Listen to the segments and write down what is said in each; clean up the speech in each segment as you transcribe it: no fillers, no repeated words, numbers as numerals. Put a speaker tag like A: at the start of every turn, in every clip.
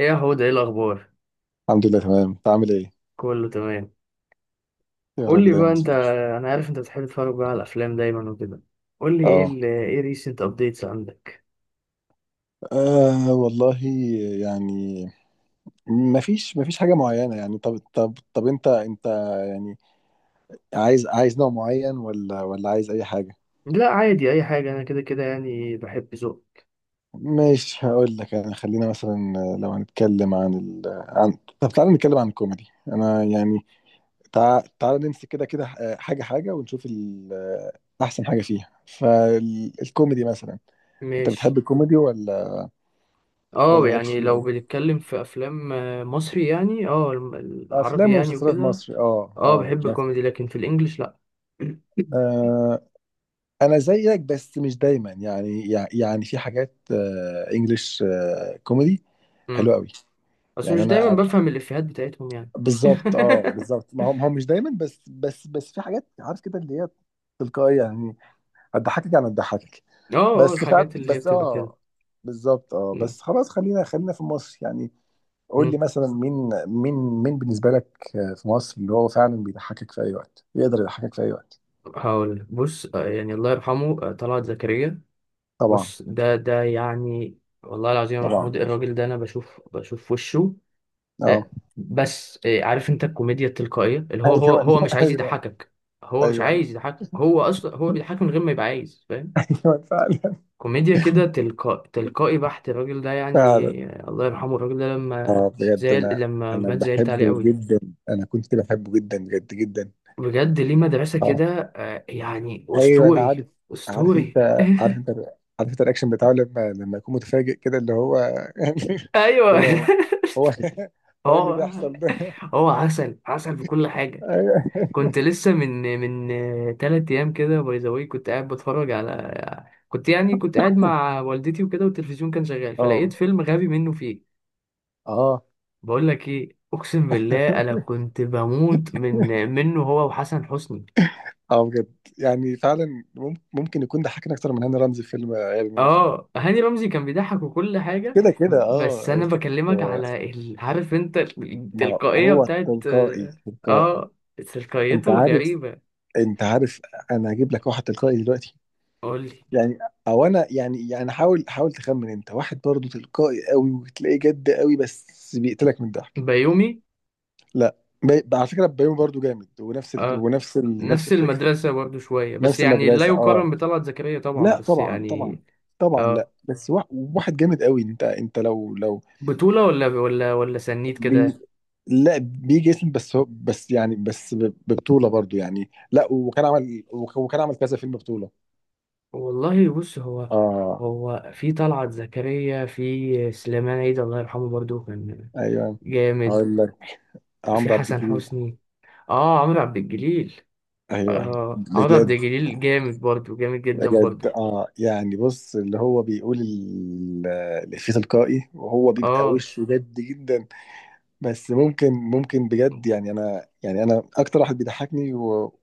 A: ايه يا حود، ايه الاخبار؟
B: الحمد لله، تمام. انت عامل ايه؟
A: كله تمام.
B: يا
A: قول
B: رب
A: لي بقى
B: دايما،
A: انت.
B: صديقي.
A: انا عارف انت بتحب تتفرج بقى على الافلام دايما وكده. قول لي ايه
B: اه،
A: ال ايه ريسنت ابديتس عندك؟
B: والله، يعني مفيش حاجه معينه. يعني طب انت يعني عايز نوع معين، ولا عايز اي حاجه؟
A: لا عادي اي حاجه، انا كده كده يعني بحب ذوق.
B: مش هقول لك انا، خلينا مثلا لو هنتكلم عن عن، طب تعالى نتكلم عن الكوميدي. انا يعني تعالى نمسك كده كده، حاجه ونشوف احسن حاجه فيها فالكوميدي مثلا. انت
A: ماشي.
B: بتحب الكوميدي ولا
A: اه
B: ولا مالكش
A: يعني
B: فيه
A: لو
B: أوي؟
A: بنتكلم في افلام مصري يعني، اه العربي
B: افلام
A: يعني
B: ومسلسلات
A: وكده.
B: مصري اه
A: اه
B: اه،
A: بحب
B: بس.
A: كوميدي، لكن في الانجليش لا.
B: آه انا زيك، بس مش دايما يعني، يعني في حاجات، انجلش، كوميدي حلوه
A: امم.
B: قوي.
A: بس
B: يعني
A: مش
B: انا
A: دايما بفهم الافيهات بتاعتهم يعني.
B: بالظبط، اه بالظبط. ما هو ما هو مش دايما، بس في حاجات، عارف كده، اللي هي تلقائيه يعني. هتضحكك، يعني هتضحكك
A: اه، اه
B: بس، فعلا
A: الحاجات اللي هي
B: بس
A: بتبقى كده.
B: اه. بالظبط اه. بس خلاص، خلينا في مصر يعني. قول لي
A: مم.
B: مثلا، مين بالنسبه لك، في مصر اللي هو فعلا بيضحكك في اي وقت، يقدر يضحكك في اي وقت.
A: هقول بص، يعني الله يرحمه، طلعت زكريا.
B: طبعا
A: بص ده يعني، والله العظيم يا
B: طبعا،
A: محمود الراجل ده انا بشوف وشه.
B: اه
A: بس عارف انت الكوميديا التلقائية اللي هو هو
B: ايوه
A: هو مش عايز
B: ايوه
A: يضحكك. هو مش
B: ايوه.
A: عايز يضحك، هو اصلا هو بيضحك من غير ما يبقى عايز، فاهم.
B: ايوه فعلا.
A: كوميديا كده تلقائي بحت الراجل ده
B: فعلا
A: يعني. الله يرحمه الراجل ده لما
B: اه بجد.
A: زعل،
B: انا
A: لما مات زعلت عليه
B: بحبه
A: قوي،
B: جدا. انا كنت بحبه جدا بجد، جدا.
A: بجد. ليه؟ مدرسة
B: اه
A: كده، يعني
B: ايوه انا
A: أسطوري.
B: عارف. عارف انت
A: أسطوري.
B: عارف انت عارف انت الرياكشن بتاعه لما يكون متفاجئ كده، اللي هو
A: ايوه.
B: اللي هو. هو هو، ايه
A: هو
B: اللي بيحصل ده؟
A: هو عسل عسل في كل حاجة.
B: ايوه
A: كنت لسه من تلات أيام كده، باي ذا واي. كنت يعني كنت قاعد مع والدتي وكده، والتلفزيون كان شغال، فلقيت
B: اه
A: فيلم غبي منه فيه.
B: اه.
A: بقول لك إيه، أقسم بالله أنا كنت بموت منه، هو وحسن حسني.
B: اه بجد، يعني فعلا، ممكن يكون ضحكنا اكتر من هاني رمزي في فيلم غبي منه فيه.
A: اه هاني رمزي كان بيضحك وكل حاجة.
B: كده كده
A: بس
B: اه.
A: أنا
B: ف-
A: بكلمك على عارف أنت
B: ما
A: التلقائية
B: هو
A: بتاعت.
B: تلقائي تلقائي.
A: اه تلقائيته
B: انت عارف
A: غريبة.
B: انت عارف انا هجيب لك واحد تلقائي دلوقتي.
A: قول لي.
B: يعني او انا يعني يعني، حاول تخمن. انت واحد برضه تلقائي قوي، وتلاقيه جد قوي بس بيقتلك من الضحك.
A: بيومي.
B: لا. على فكره بيومي برضه جامد، ونفس
A: آه.
B: نفس
A: نفس
B: الفكره.
A: المدرسة برضو شوية، بس
B: نفس
A: يعني لا
B: المدرسه اه.
A: يقارن بطلعت زكريا طبعا،
B: لا
A: بس
B: طبعا، طبعا
A: يعني.
B: طبعا. لا
A: اه،
B: بس واحد جامد قوي. انت لو
A: بطولة ولا سنيد
B: بي...
A: كده؟
B: لا بيجي اسم بس. هو بس يعني بس ببطولة برضو يعني. لا، وكان عمل وكان عمل كذا فيلم بطولة.
A: والله بص هو،
B: اه
A: هو في طلعت زكريا، في سليمان عيد الله يرحمه برضو كان
B: ايوه
A: جامد.
B: هقول لك،
A: في
B: عمرو عبد
A: حسن
B: الجليل.
A: حسني. اه عمرو عبد الجليل.
B: ايوه
A: اه عمرو عبد
B: بجد.
A: الجليل جامد برضو، جامد جدا
B: بجد
A: برضو.
B: اه، يعني بص اللي هو بيقول الإفيه تلقائي، وهو بيبقى
A: اه،
B: وشه جد جدا. بس ممكن بجد يعني، انا يعني انا اكتر واحد بيضحكني، و...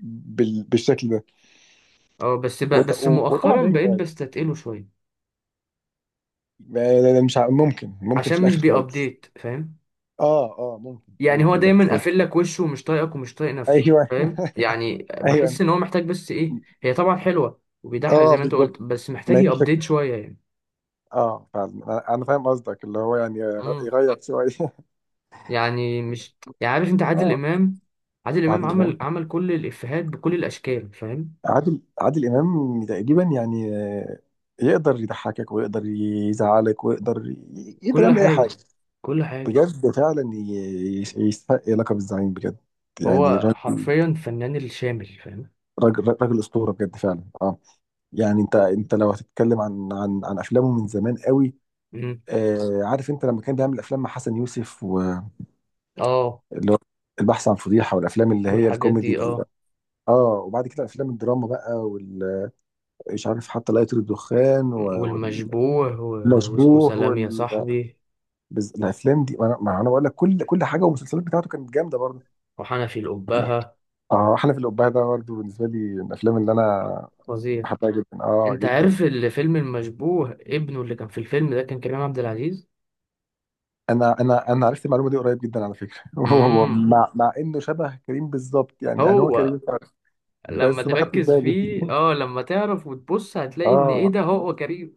B: بالشكل ده.
A: اه بس ب...
B: وط...
A: بس
B: وطبعا
A: مؤخرا
B: بيومي
A: بقيت
B: فؤاد.
A: بستتقله شوية.
B: مش ممكن في
A: عشان مش
B: الاخر خالص.
A: بيأبديت فاهم.
B: اه اه ممكن
A: يعني هو
B: ممكن
A: دايما
B: بس.
A: قافل لك وشه ومش طايقك ومش طايق نفسه،
B: ايوه
A: فاهم. يعني
B: ايوه
A: بحس ان هو محتاج بس ايه. هي طبعا حلوه وبيضحك
B: اه
A: زي ما انت قلت،
B: بالظبط.
A: بس محتاج
B: ما هي دي
A: يابديت
B: الفكره.
A: شويه يعني.
B: اه فعلا انا، أنا فاهم قصدك، اللي هو يعني
A: امم.
B: يغير شويه
A: يعني مش يعني، عارف انت عادل
B: اه
A: امام. عادل امام
B: عادل
A: عمل
B: امام.
A: عمل كل الافيهات بكل الاشكال، فاهم.
B: عادل امام تقريبا يعني، يقدر يضحكك، ويقدر يزعلك، ويقدر يقدر
A: كل
B: يعمل اي
A: حاجه،
B: حاجه.
A: كل حاجه.
B: بجد فعلا يستحق لقب الزعيم بجد، يعني
A: هو
B: راجل،
A: حرفيا فنان الشامل، فاهم.
B: راجل اسطوره بجد فعلا اه. يعني انت لو هتتكلم عن عن افلامه من زمان قوي،
A: امم.
B: آه عارف انت لما كان بيعمل افلام مع حسن يوسف، واللي
A: اه
B: هو البحث عن فضيحه، والافلام اللي هي
A: والحاجات
B: الكوميدي
A: دي اه.
B: اه، وبعد كده افلام الدراما بقى، وال... مش عارف حتى، لا يطير الدخان،
A: والمشبوه
B: والمشبوه،
A: وسلام يا صاحبي،
B: والافلام دي انا، ما انا بقول لك، كل كل حاجه. والمسلسلات بتاعته كانت جامده برضه.
A: وحنفي الأبهة.
B: اه احلف القبعه ده برضه بالنسبه لي من الافلام اللي انا
A: فظيع.
B: بحبها جدا اه،
A: انت
B: جدا.
A: عارف الفيلم المشبوه ابنه اللي كان في الفيلم ده كان كريم عبد العزيز.
B: انا انا عرفت المعلومه دي قريب جدا على فكره هو
A: امم.
B: مع، مع انه شبه كريم بالظبط يعني، يعني هو
A: هو
B: كريم فعلا.
A: لما
B: بس ما خدتش
A: تركز
B: بالي
A: فيه، اه لما تعرف وتبص هتلاقي ان ايه،
B: اه
A: ده هو كريم.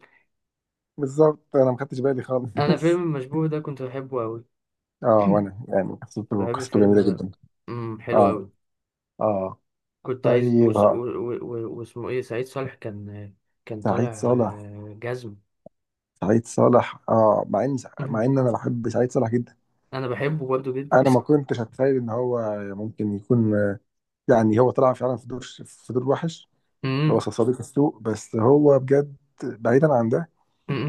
B: بالظبط، انا ما خدتش بالي
A: انا فيلم
B: خالص
A: المشبوه ده كنت بحبه قوي.
B: اه وانا يعني قصته،
A: بحب
B: قصته
A: الفيلم
B: جميله
A: ده.
B: جدا.
A: امم، حلو
B: اه
A: قوي.
B: اه
A: كنت عايز
B: طيب،
A: وس... و... و... و... واسمه ايه، سعيد صالح كان، كان
B: سعيد
A: طالع
B: صالح.
A: جزم.
B: اه مع ان، انا بحب سعيد صالح جدا.
A: انا بحبه برضه جدا.
B: انا ما كنتش اتخيل ان هو ممكن يكون، يعني هو طلع فعلا في دور، في دور وحش، اللي هو
A: امم،
B: صديق السوء. بس هو بجد، بعيدا عن ده،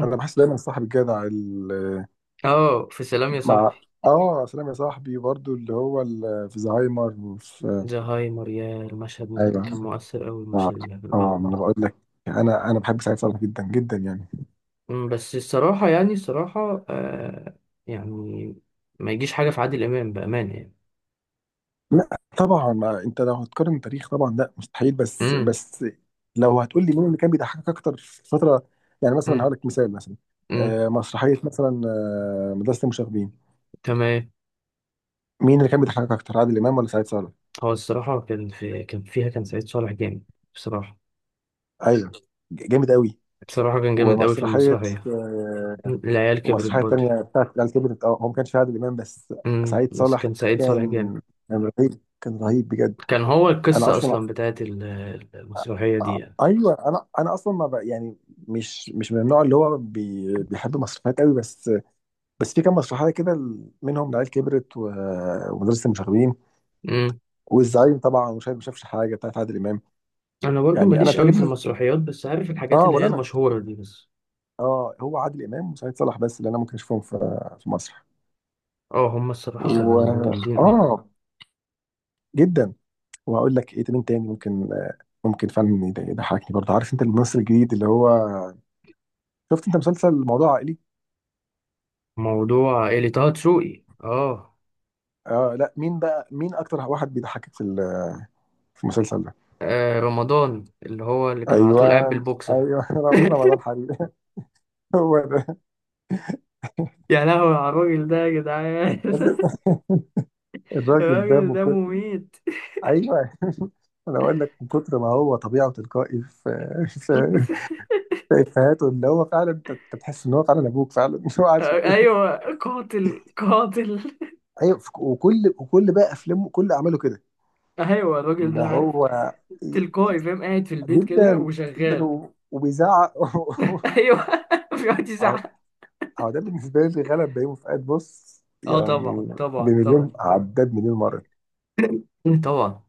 B: انا بحس دايما صاحب الجدع
A: اه في سلام يا
B: مع
A: صاحبي،
B: اه سلام يا صاحبي برضو، اللي هو في زهايمر وفي.
A: زهايمر. يا المشهد
B: ايوه
A: كان مؤثر أوي،
B: اه
A: المشهد اللي كان
B: اه.
A: بينهم
B: ما انا
A: ده.
B: بقول لك، انا بحب سعيد صالح جدا جدا يعني.
A: أمم، بس الصراحة يعني الصراحة يعني. ما يجيش حاجة في عادل إمام بأمانة يعني.
B: لا طبعا، ما انت لو هتقارن تاريخ طبعا، لا مستحيل بس
A: امم،
B: بس، لو هتقول لي مين اللي كان بيضحكك اكتر في فتره، يعني مثلا، هقول
A: امم،
B: لك مثال مثلا،
A: امم.
B: آه مسرحيه مثلا، آه مدرسه المشاغبين،
A: تمام.
B: مين اللي كان بيضحكك اكتر، عادل امام ولا سعيد صالح؟
A: هو الصراحة، كان فيها كان سعيد صالح جامد، بصراحة.
B: ايوه جامد قوي.
A: بصراحة كان جامد أوي في
B: ومسرحيه،
A: المسرحية.
B: آه
A: أمم، العيال كبرت
B: ومسرحيه
A: برضه.
B: تانيه بتاعت العيال كبرت، اه هو ما كانش فيها عادل امام بس.
A: امم،
B: سعيد
A: بس
B: صالح
A: كان سعيد صالح
B: كان،
A: جامد.
B: كان رهيب، كان رهيب بجد.
A: كان هو
B: انا
A: القصة
B: اصلا،
A: أصلا بتاعت المسرحية دي يعني.
B: ايوه انا انا اصلا ما بق- يعني، مش من النوع اللي هو بي بيحب مسرحيات قوي، بس بس في كام مسرحيه كده، منهم العيال كبرت، و- ومدرسه المشاغبين،
A: امم.
B: والزعيم طبعا، وشايف ما شافش حاجه بتاعت عادل امام.
A: أنا برضو
B: يعني انا
A: ماليش أوي في
B: تقريبا،
A: المسرحيات، بس عارف الحاجات
B: اه
A: اللي
B: ولا
A: هي
B: انا.
A: المشهورة دي بس.
B: اه هو عادل امام وسعيد صالح بس اللي انا ممكن اشوفهم في، في مصر.
A: اه هم الصراحة
B: و
A: كانوا جامدين أوي.
B: اه جدا. وهقول لك ايه تاني، تاني ممكن، ممكن فعلا يضحكني برضه. عارف انت الممثل الجديد اللي هو، شفت انت مسلسل موضوع عائلي؟
A: موضوع اللي طه دسوقي اه.
B: اه لا مين بقى، مين اكتر واحد بيضحكك في في المسلسل ده؟
A: رمضان، اللي هو اللي كان على
B: ايوه
A: طول قاعد بالبوكسر.
B: ايوه رمضان حبيبي هو ده.
A: يا لهوي على الراجل ده يا جدعان.
B: الراجل ده
A: الراجل
B: من
A: ده
B: كتر.
A: مميت.
B: ايوه انا بقول لك، من كتر ما هو طبيعه وتلقائي في، في، في افهاته، اللي هو فعلا انت، أنت تحس ان هو فعلا ابوك فعلا مش هو قاعد في البيت.
A: ايوه، قاتل قاتل.
B: ايوه وكل بقى افلامه، كل اعماله كده،
A: ايوه الراجل
B: اللي
A: ده عارف،
B: هو
A: تلقائي فاهم، قاعد في البيت كده
B: جدا، جدا
A: وشغال.
B: وبيزعق
A: ايوه بيقعد يزعق.
B: على. هو ده بالنسبة لي غلب بيومي فؤاد بص
A: اه
B: يعني،
A: طبعا، طبعا، طبعا.
B: بمليون عداد، مليون مرة،
A: طبعا.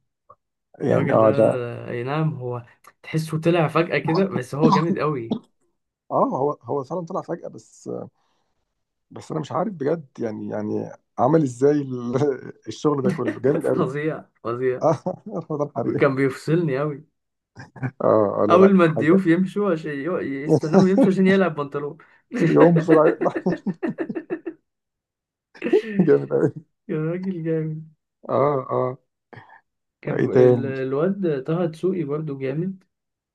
B: يعني
A: الراجل ده،
B: اه ده.
A: اي نعم هو، تحسه طلع فجأة كده بس هو جامد قوي.
B: اه هو، هو فعلا طلع فجأة، بس بس انا مش عارف بجد يعني يعني، عمل ازاي الشغل ده كله جامد قوي.
A: فظيع، فظيع.
B: اه رمضان حريقي.
A: كان بيفصلني أوي.
B: اه لا
A: أول
B: لا
A: ما
B: حاجة
A: الضيوف يمشوا عشان يستناه يمشوا عشان يقلع بنطلون.
B: يقوم بسرعة، لا جامد قوي
A: يا راجل جامد.
B: اه اه. ايه
A: كان
B: تاني؟
A: الواد طه دسوقي برضو جامد.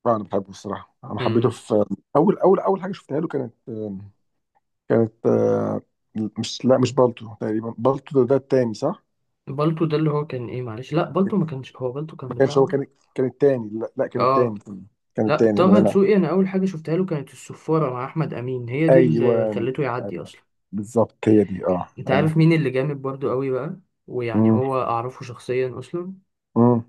B: انا بحبه الصراحة. انا حبيته
A: امم.
B: في اول، اول حاجة شفتها له، كانت كانت مش، لا مش بالطو تقريبا، بالطو ده، ده التاني صح؟
A: بالتو ده اللي هو كان ايه، معلش، لا بالتو ما كانش هو، بالتو كان
B: كانش هو
A: بتاعه.
B: كان، كان التاني. لا، لا كان التاني.
A: اه
B: كان
A: لا،
B: التاني
A: طه
B: انا انا.
A: دسوقي انا اول حاجه شفتها له كانت الصفاره مع احمد امين، هي دي اللي
B: ايوه
A: خلته يعدي
B: ايوه
A: اصلا.
B: بالظبط، هي دي اه
A: انت
B: ايوه.
A: عارف مين اللي جامد برضو قوي بقى. ويعني
B: امم
A: هو اعرفه شخصيا اصلا.
B: امم.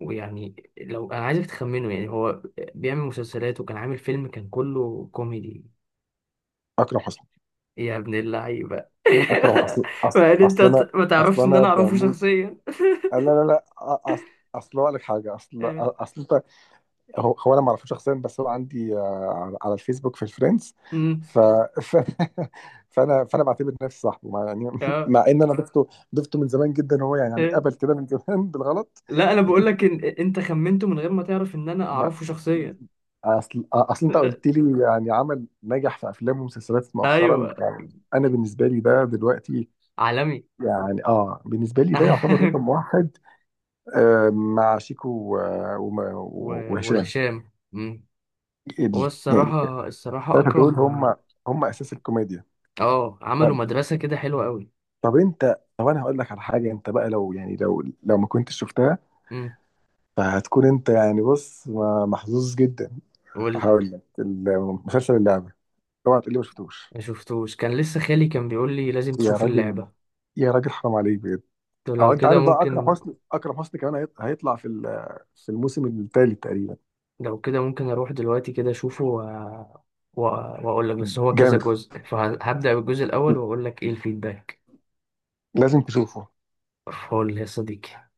A: ويعني لو انا عايزك تخمنه، يعني هو بيعمل مسلسلات وكان عامل فيلم كان كله كوميدي.
B: اكرم حسني.
A: يا ابن اللعيبة.
B: اكرم، اصل اصل
A: يعني انت
B: اصل انا،
A: ما
B: اصل
A: تعرفش ان
B: انا
A: انا اعرفه
B: بموت،
A: شخصيا.
B: لا لا لا. اصل، اصل اقول لك حاجه، اصل
A: آه.
B: اصل انت. هو، هو انا ما اعرفوش شخصيا، بس هو عندي على، على الفيسبوك في الفريندز.
A: أمم.
B: ف... ف... فانا، فانا بعتبر نفسي صاحبه، مع يعني،
A: آه.
B: مع ان انا ضفته، ضفته من زمان جدا، هو يعني يعني
A: آه.
B: قبل كده من زمان بالغلط.
A: لا انا بقول لك ان انت خمنته من غير ما تعرف ان انا
B: ما،
A: اعرفه شخصيا.
B: اصل انت قلت لي يعني، عمل نجح في افلام ومسلسلات مؤخرا
A: ايوه.
B: يعني. انا بالنسبه لي ده دلوقتي
A: عالمي.
B: يعني، اه بالنسبه لي ده يعتبر رقم واحد. آه مع شيكو وهشام.
A: وهشام. أمم. هو
B: يعني
A: الصراحة، الصراحة
B: الثلاثه دول
A: اكرم.
B: هم، هم اساس الكوميديا.
A: اه عملوا
B: طب،
A: مدرسة كده حلوة قوي.
B: طب انت طب انا هقول لك على حاجه. انت بقى لو يعني لو، لو ما كنتش شفتها،
A: أمم.
B: فهتكون انت يعني بص محظوظ جدا.
A: قول لي.
B: هقول لك المسلسل، اللعبه. اوعى تقول لي ما شفتوش.
A: ما شفتوش، كان لسه خالي كان بيقول لي لازم
B: يا
A: تشوف
B: راجل،
A: اللعبة.
B: يا راجل حرام عليك بجد.
A: قلت له
B: او
A: لو
B: انت
A: كده
B: عارف بقى
A: ممكن.
B: اكرم حسني، اكرم حسني كمان هيطلع في في الموسم الثالث تقريبا.
A: لو كده ممكن اروح دلوقتي كده اشوفه، واقول لك. بس هو كذا
B: جامد.
A: جزء، فهبدأ بالجزء الاول واقول لك ايه الفيدباك.
B: لازم تشوفه.
A: فول يا صديقي.